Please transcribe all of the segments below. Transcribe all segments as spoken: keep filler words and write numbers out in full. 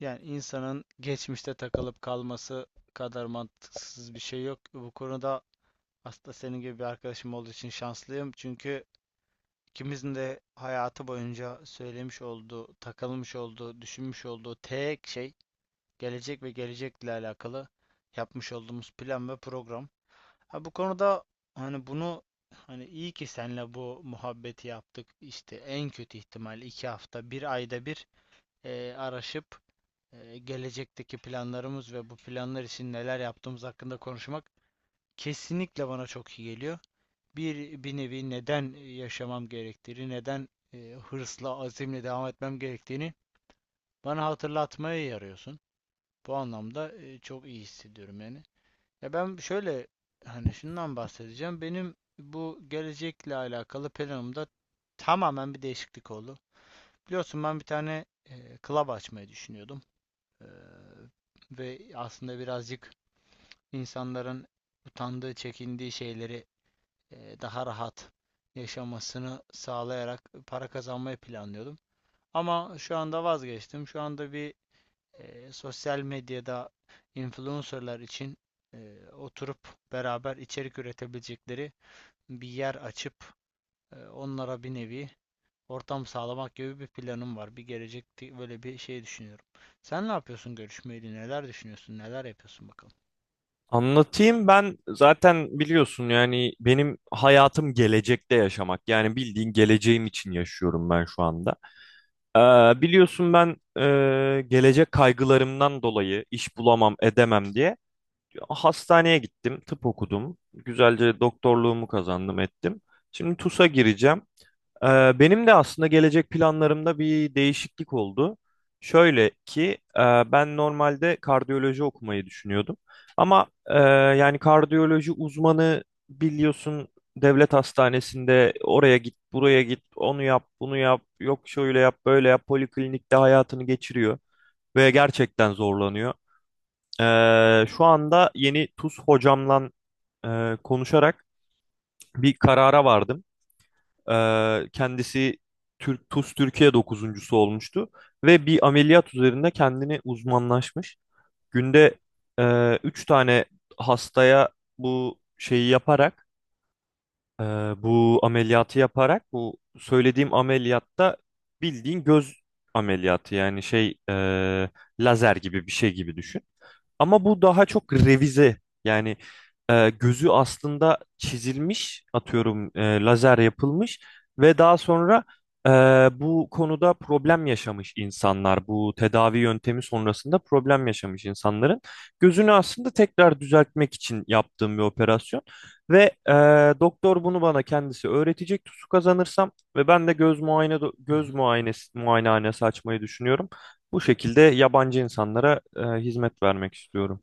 Yani insanın geçmişte takılıp kalması kadar mantıksız bir şey yok. Bu konuda aslında senin gibi bir arkadaşım olduğu için şanslıyım. Çünkü ikimizin de hayatı boyunca söylemiş olduğu, takılmış olduğu, düşünmüş olduğu tek şey gelecek ve gelecekle alakalı yapmış olduğumuz plan ve program. Ha bu konuda hani bunu hani iyi ki seninle bu muhabbeti yaptık. İşte en kötü ihtimal iki hafta, bir ayda bir eee, araşıp e, gelecekteki planlarımız ve bu planlar için neler yaptığımız hakkında konuşmak kesinlikle bana çok iyi geliyor. Bir, bir nevi neden yaşamam gerektiğini, neden e, hırsla, azimle devam etmem gerektiğini bana hatırlatmaya yarıyorsun. Bu anlamda e, çok iyi hissediyorum yani. Ya ben şöyle hani şundan bahsedeceğim. Benim bu gelecekle alakalı planımda tamamen bir değişiklik oldu. Biliyorsun ben bir tane e, club açmayı düşünüyordum. Ee, Ve aslında birazcık insanların utandığı, çekindiği şeyleri e, daha rahat yaşamasını sağlayarak para kazanmayı planlıyordum. Ama şu anda vazgeçtim. Şu anda bir e, sosyal medyada influencerlar için e, oturup beraber içerik üretebilecekleri bir yer açıp e, onlara bir nevi ortam sağlamak gibi bir planım var. Bir gelecek böyle bir şey düşünüyorum. Sen ne yapıyorsun görüşmeyle? Neler düşünüyorsun? Neler yapıyorsun bakalım. Anlatayım, ben zaten biliyorsun yani benim hayatım gelecekte yaşamak, yani bildiğin geleceğim için yaşıyorum ben şu anda. Ee, biliyorsun ben e, gelecek kaygılarımdan dolayı iş bulamam edemem diye hastaneye gittim, tıp okudum, güzelce doktorluğumu kazandım ettim. Şimdi T U S'a gireceğim. Ee, Benim de aslında gelecek planlarımda bir değişiklik oldu. Şöyle ki e, ben normalde kardiyoloji okumayı düşünüyordum. Ama e, yani kardiyoloji uzmanı biliyorsun, devlet hastanesinde oraya git buraya git, onu yap bunu yap, yok şöyle yap böyle yap, poliklinikte hayatını geçiriyor ve gerçekten zorlanıyor. Ee, şu anda yeni T U S hocamla e, konuşarak bir karara vardım. Ee, kendisi Türk, T U S Türkiye dokuzuncusu olmuştu ve bir ameliyat üzerinde kendini uzmanlaşmış. Günde e, üç tane hastaya bu şeyi yaparak, e, bu ameliyatı yaparak, bu söylediğim ameliyatta bildiğin göz ameliyatı, yani şey e, lazer gibi bir şey gibi düşün. Ama bu daha çok revize. Yani e, gözü aslında çizilmiş, atıyorum, e, lazer yapılmış ve daha sonra e, bu konuda problem yaşamış insanlar, bu tedavi yöntemi sonrasında problem yaşamış insanların gözünü aslında tekrar düzeltmek için yaptığım bir operasyon. Ve e, doktor bunu bana kendisi öğretecek. T U S'u kazanırsam ve ben de göz muayene Hı göz hı. muayenesi muayenehanesi açmayı düşünüyorum. Bu şekilde yabancı insanlara e, hizmet vermek istiyorum.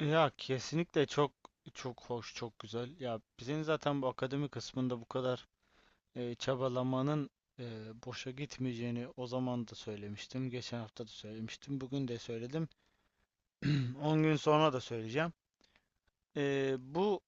Ya kesinlikle çok çok hoş, çok güzel. Ya bizim zaten bu akademi kısmında bu kadar e, çabalamanın e, boşa gitmeyeceğini o zaman da söylemiştim. Geçen hafta da söylemiştim. Bugün de söyledim. on gün sonra da söyleyeceğim. Ee, bu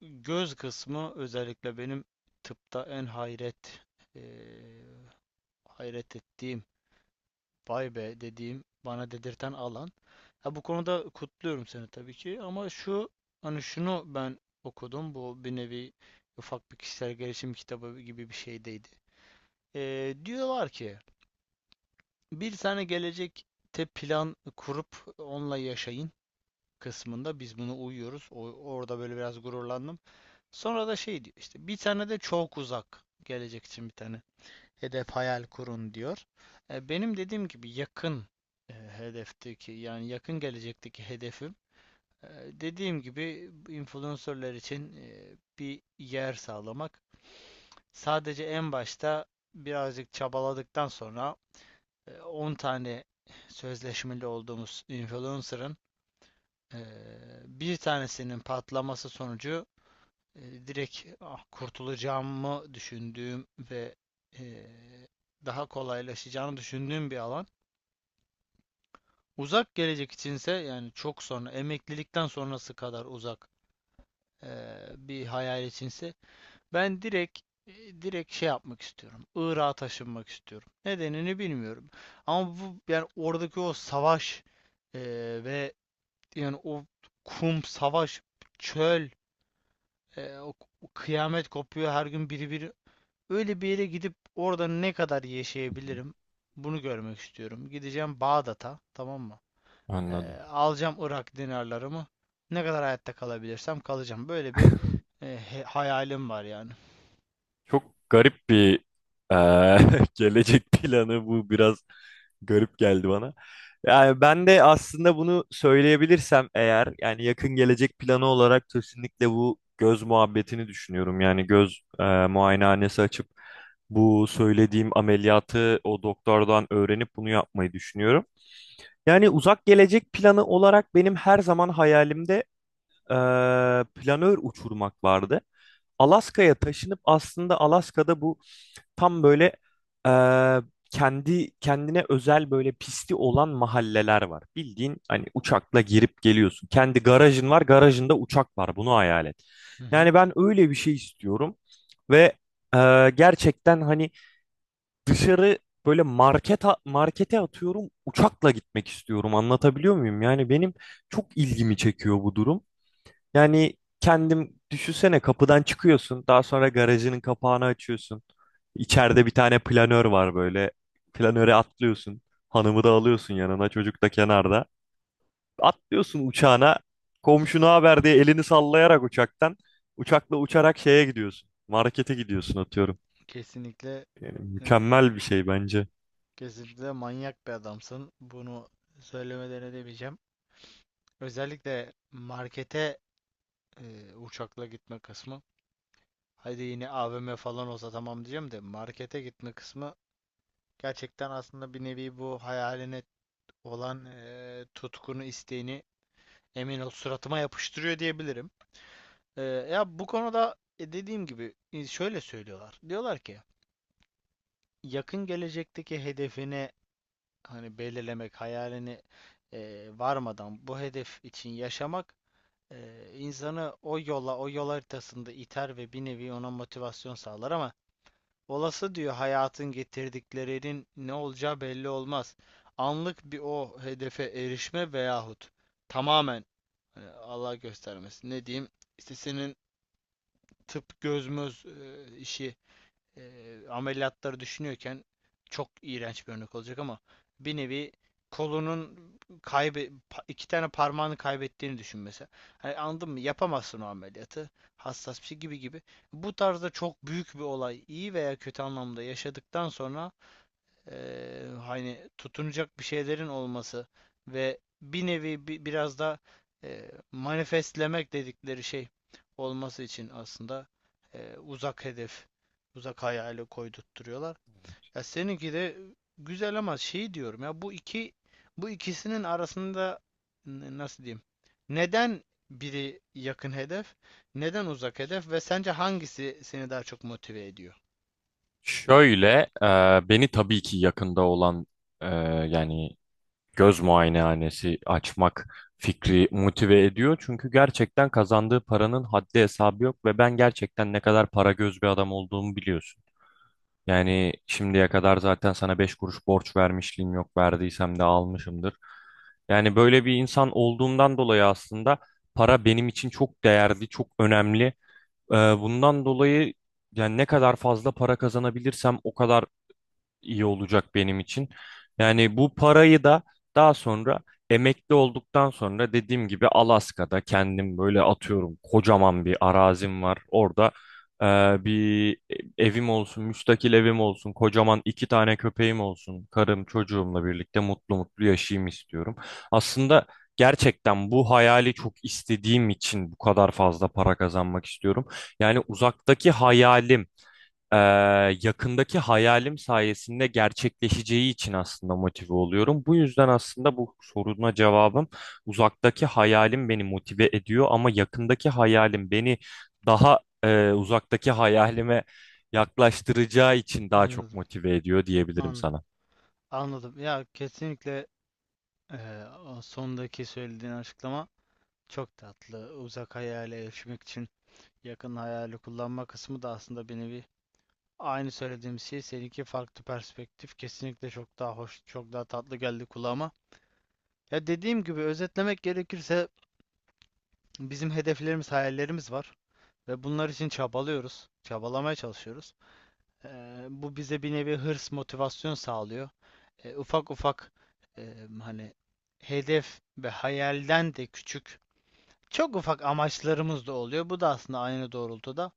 göz kısmı özellikle benim tıpta en hayret ee, hayret ettiğim, vay be dediğim, bana dedirten alan. Ha, bu konuda kutluyorum seni tabii ki ama şu hani şunu ben okudum. Bu bir nevi ufak bir kişisel gelişim kitabı gibi bir şeydeydi. Ee, diyorlar ki bir tane gelecekte plan kurup onunla yaşayın kısmında biz bunu uyuyoruz. O, orada böyle biraz gururlandım. Sonra da şey diyor işte bir tane de çok uzak gelecek için bir tane hedef hayal kurun diyor. E, benim dediğim gibi yakın e, hedefteki yani yakın gelecekteki hedefim e, dediğim gibi influencerlar için e, bir yer sağlamak. Sadece en başta birazcık çabaladıktan sonra e, on tane sözleşmeli olduğumuz influencer'ın e, bir tanesinin patlaması sonucu e, direkt ah, kurtulacağımı düşündüğüm ve e, daha kolaylaşacağını düşündüğüm bir alan. Uzak gelecek içinse yani çok sonra emeklilikten sonrası kadar uzak e, bir hayal içinse ben direkt e, direkt şey yapmak istiyorum. Irak'a taşınmak istiyorum. Nedenini bilmiyorum. Ama bu yani oradaki o savaş e, ve yani o kum savaş çöl e, o kıyamet kopuyor her gün biri biri. Öyle bir yere gidip orada ne kadar Hı hı. yaşayabilirim? Bunu görmek istiyorum. Gideceğim Bağdat'a, tamam mı? Ee, Anladım. Alacağım Irak dinarlarımı. Ne kadar hayatta kalabilirsem kalacağım. Böyle bir e, he- hayalim var yani. Çok garip bir, e, gelecek planı bu, biraz garip geldi bana. Yani ben de aslında bunu söyleyebilirsem eğer, yani yakın gelecek planı olarak kesinlikle bu göz muhabbetini düşünüyorum. Yani göz e, muayenehanesi açıp bu söylediğim ameliyatı o doktordan öğrenip bunu yapmayı düşünüyorum. Yani uzak gelecek planı olarak benim her zaman hayalimde e, planör uçurmak vardı. Alaska'ya taşınıp, aslında Alaska'da bu tam böyle, e, kendi kendine özel böyle pisti olan mahalleler var. Bildiğin hani uçakla girip geliyorsun. Kendi garajın var, garajında uçak var. Bunu hayal et. Hı hı. Yani ben öyle bir şey istiyorum ve e, gerçekten hani dışarı böyle market markete atıyorum uçakla gitmek istiyorum. Anlatabiliyor muyum? Yani benim çok ilgimi çekiyor bu durum. Yani kendim düşünsene, kapıdan çıkıyorsun. Daha sonra garajının kapağını açıyorsun. İçeride bir tane planör var böyle. Planöre atlıyorsun. Hanımı da alıyorsun yanına. Çocuk da kenarda. Atlıyorsun uçağına. Komşuna haber diye elini sallayarak uçaktan. Uçakla uçarak şeye gidiyorsun. Markete gidiyorsun atıyorum. Kesinlikle Yani e, mükemmel bir şey bence. kesinlikle manyak bir adamsın. Bunu söylemeden edemeyeceğim. Özellikle markete e, uçakla gitme kısmı. Hadi yine A V M falan olsa tamam diyeceğim de markete gitme kısmı. Gerçekten aslında bir nevi bu hayaline olan eee, tutkunu, isteğini emin ol suratıma yapıştırıyor diyebilirim. Eee, ya bu konuda e, dediğim gibi e, şöyle söylüyorlar. Diyorlar ki yakın gelecekteki hedefini hani belirlemek, hayalini eee, varmadan bu hedef için yaşamak eee, insanı o yola, o yol haritasında iter ve bir nevi ona motivasyon sağlar ama olası diyor hayatın getirdiklerinin ne olacağı belli olmaz. Anlık bir o hedefe erişme veyahut tamamen hani Allah göstermesin ne diyeyim işte senin tıp göz e, işi e, ameliyatları düşünüyorken çok iğrenç bir örnek olacak ama bir nevi kolunun kaybe pa- iki tane parmağını kaybettiğini düşün mesela. Hani anladın mı? Yapamazsın o ameliyatı. Hassas bir şey gibi gibi. Bu tarzda çok büyük bir olay iyi veya kötü anlamda yaşadıktan sonra eee, hani tutunacak bir şeylerin olması ve bir nevi bi- biraz da eee, manifestlemek dedikleri şey olması için aslında eee, uzak hedef, uzak hayali koydurtturuyorlar. Evet. Ya seninki de güzel ama şey diyorum ya bu iki bu ikisinin arasında n- nasıl diyeyim? Neden biri yakın hedef, neden uzak hedef ve sence hangisi seni daha çok motive ediyor? Şöyle e, beni tabii ki yakında olan, e, yani göz muayenehanesi açmak fikri motive ediyor. Çünkü gerçekten kazandığı paranın haddi hesabı yok ve ben gerçekten ne kadar para göz bir adam olduğumu biliyorsun. Yani şimdiye kadar zaten sana beş kuruş borç vermişliğim yok. Verdiysem de almışımdır. Yani böyle bir insan olduğumdan dolayı aslında para benim için çok değerli, çok önemli. Ee, bundan dolayı yani ne kadar fazla para kazanabilirsem o kadar iyi olacak benim için. Yani bu parayı da daha sonra emekli olduktan sonra dediğim gibi Alaska'da kendim böyle atıyorum kocaman bir arazim var. Orada e, bir evim olsun, müstakil evim olsun, kocaman iki tane köpeğim olsun, karım çocuğumla birlikte mutlu mutlu yaşayayım istiyorum. Aslında gerçekten bu hayali çok istediğim için bu kadar fazla para kazanmak istiyorum. Yani uzaktaki hayalim e, yakındaki hayalim sayesinde gerçekleşeceği için aslında motive oluyorum. Bu yüzden aslında bu soruna cevabım, uzaktaki hayalim beni motive ediyor ama yakındaki hayalim beni daha, e, uzaktaki hayalime yaklaştıracağı için daha çok Anladım. motive ediyor diyebilirim An sana. Anladım. Ya kesinlikle eee, o sondaki söylediğin açıklama çok tatlı. Uzak hayale erişmek için yakın hayali kullanma kısmı da aslında bir nevi aynı söylediğim şey. Seninki farklı perspektif. Kesinlikle çok daha hoş, çok daha tatlı geldi kulağıma. Ya dediğim gibi özetlemek gerekirse bizim hedeflerimiz, hayallerimiz var ve bunlar için çabalıyoruz. Çabalamaya çalışıyoruz. Eee, Bu bize bir nevi hırs, motivasyon sağlıyor. Eee, ufak ufak eee, hani hedef ve hayalden de küçük, çok ufak amaçlarımız da oluyor. Bu da aslında aynı doğrultuda.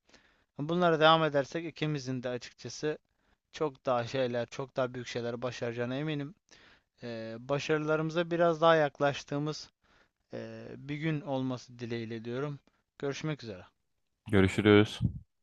Bunlara devam edersek ikimizin de açıkçası çok daha şeyler, çok daha büyük şeyler başaracağına eminim. Eee, başarılarımıza biraz daha yaklaştığımız eee, bir gün olması dileğiyle diyorum. Görüşmek üzere. Görüşürüz.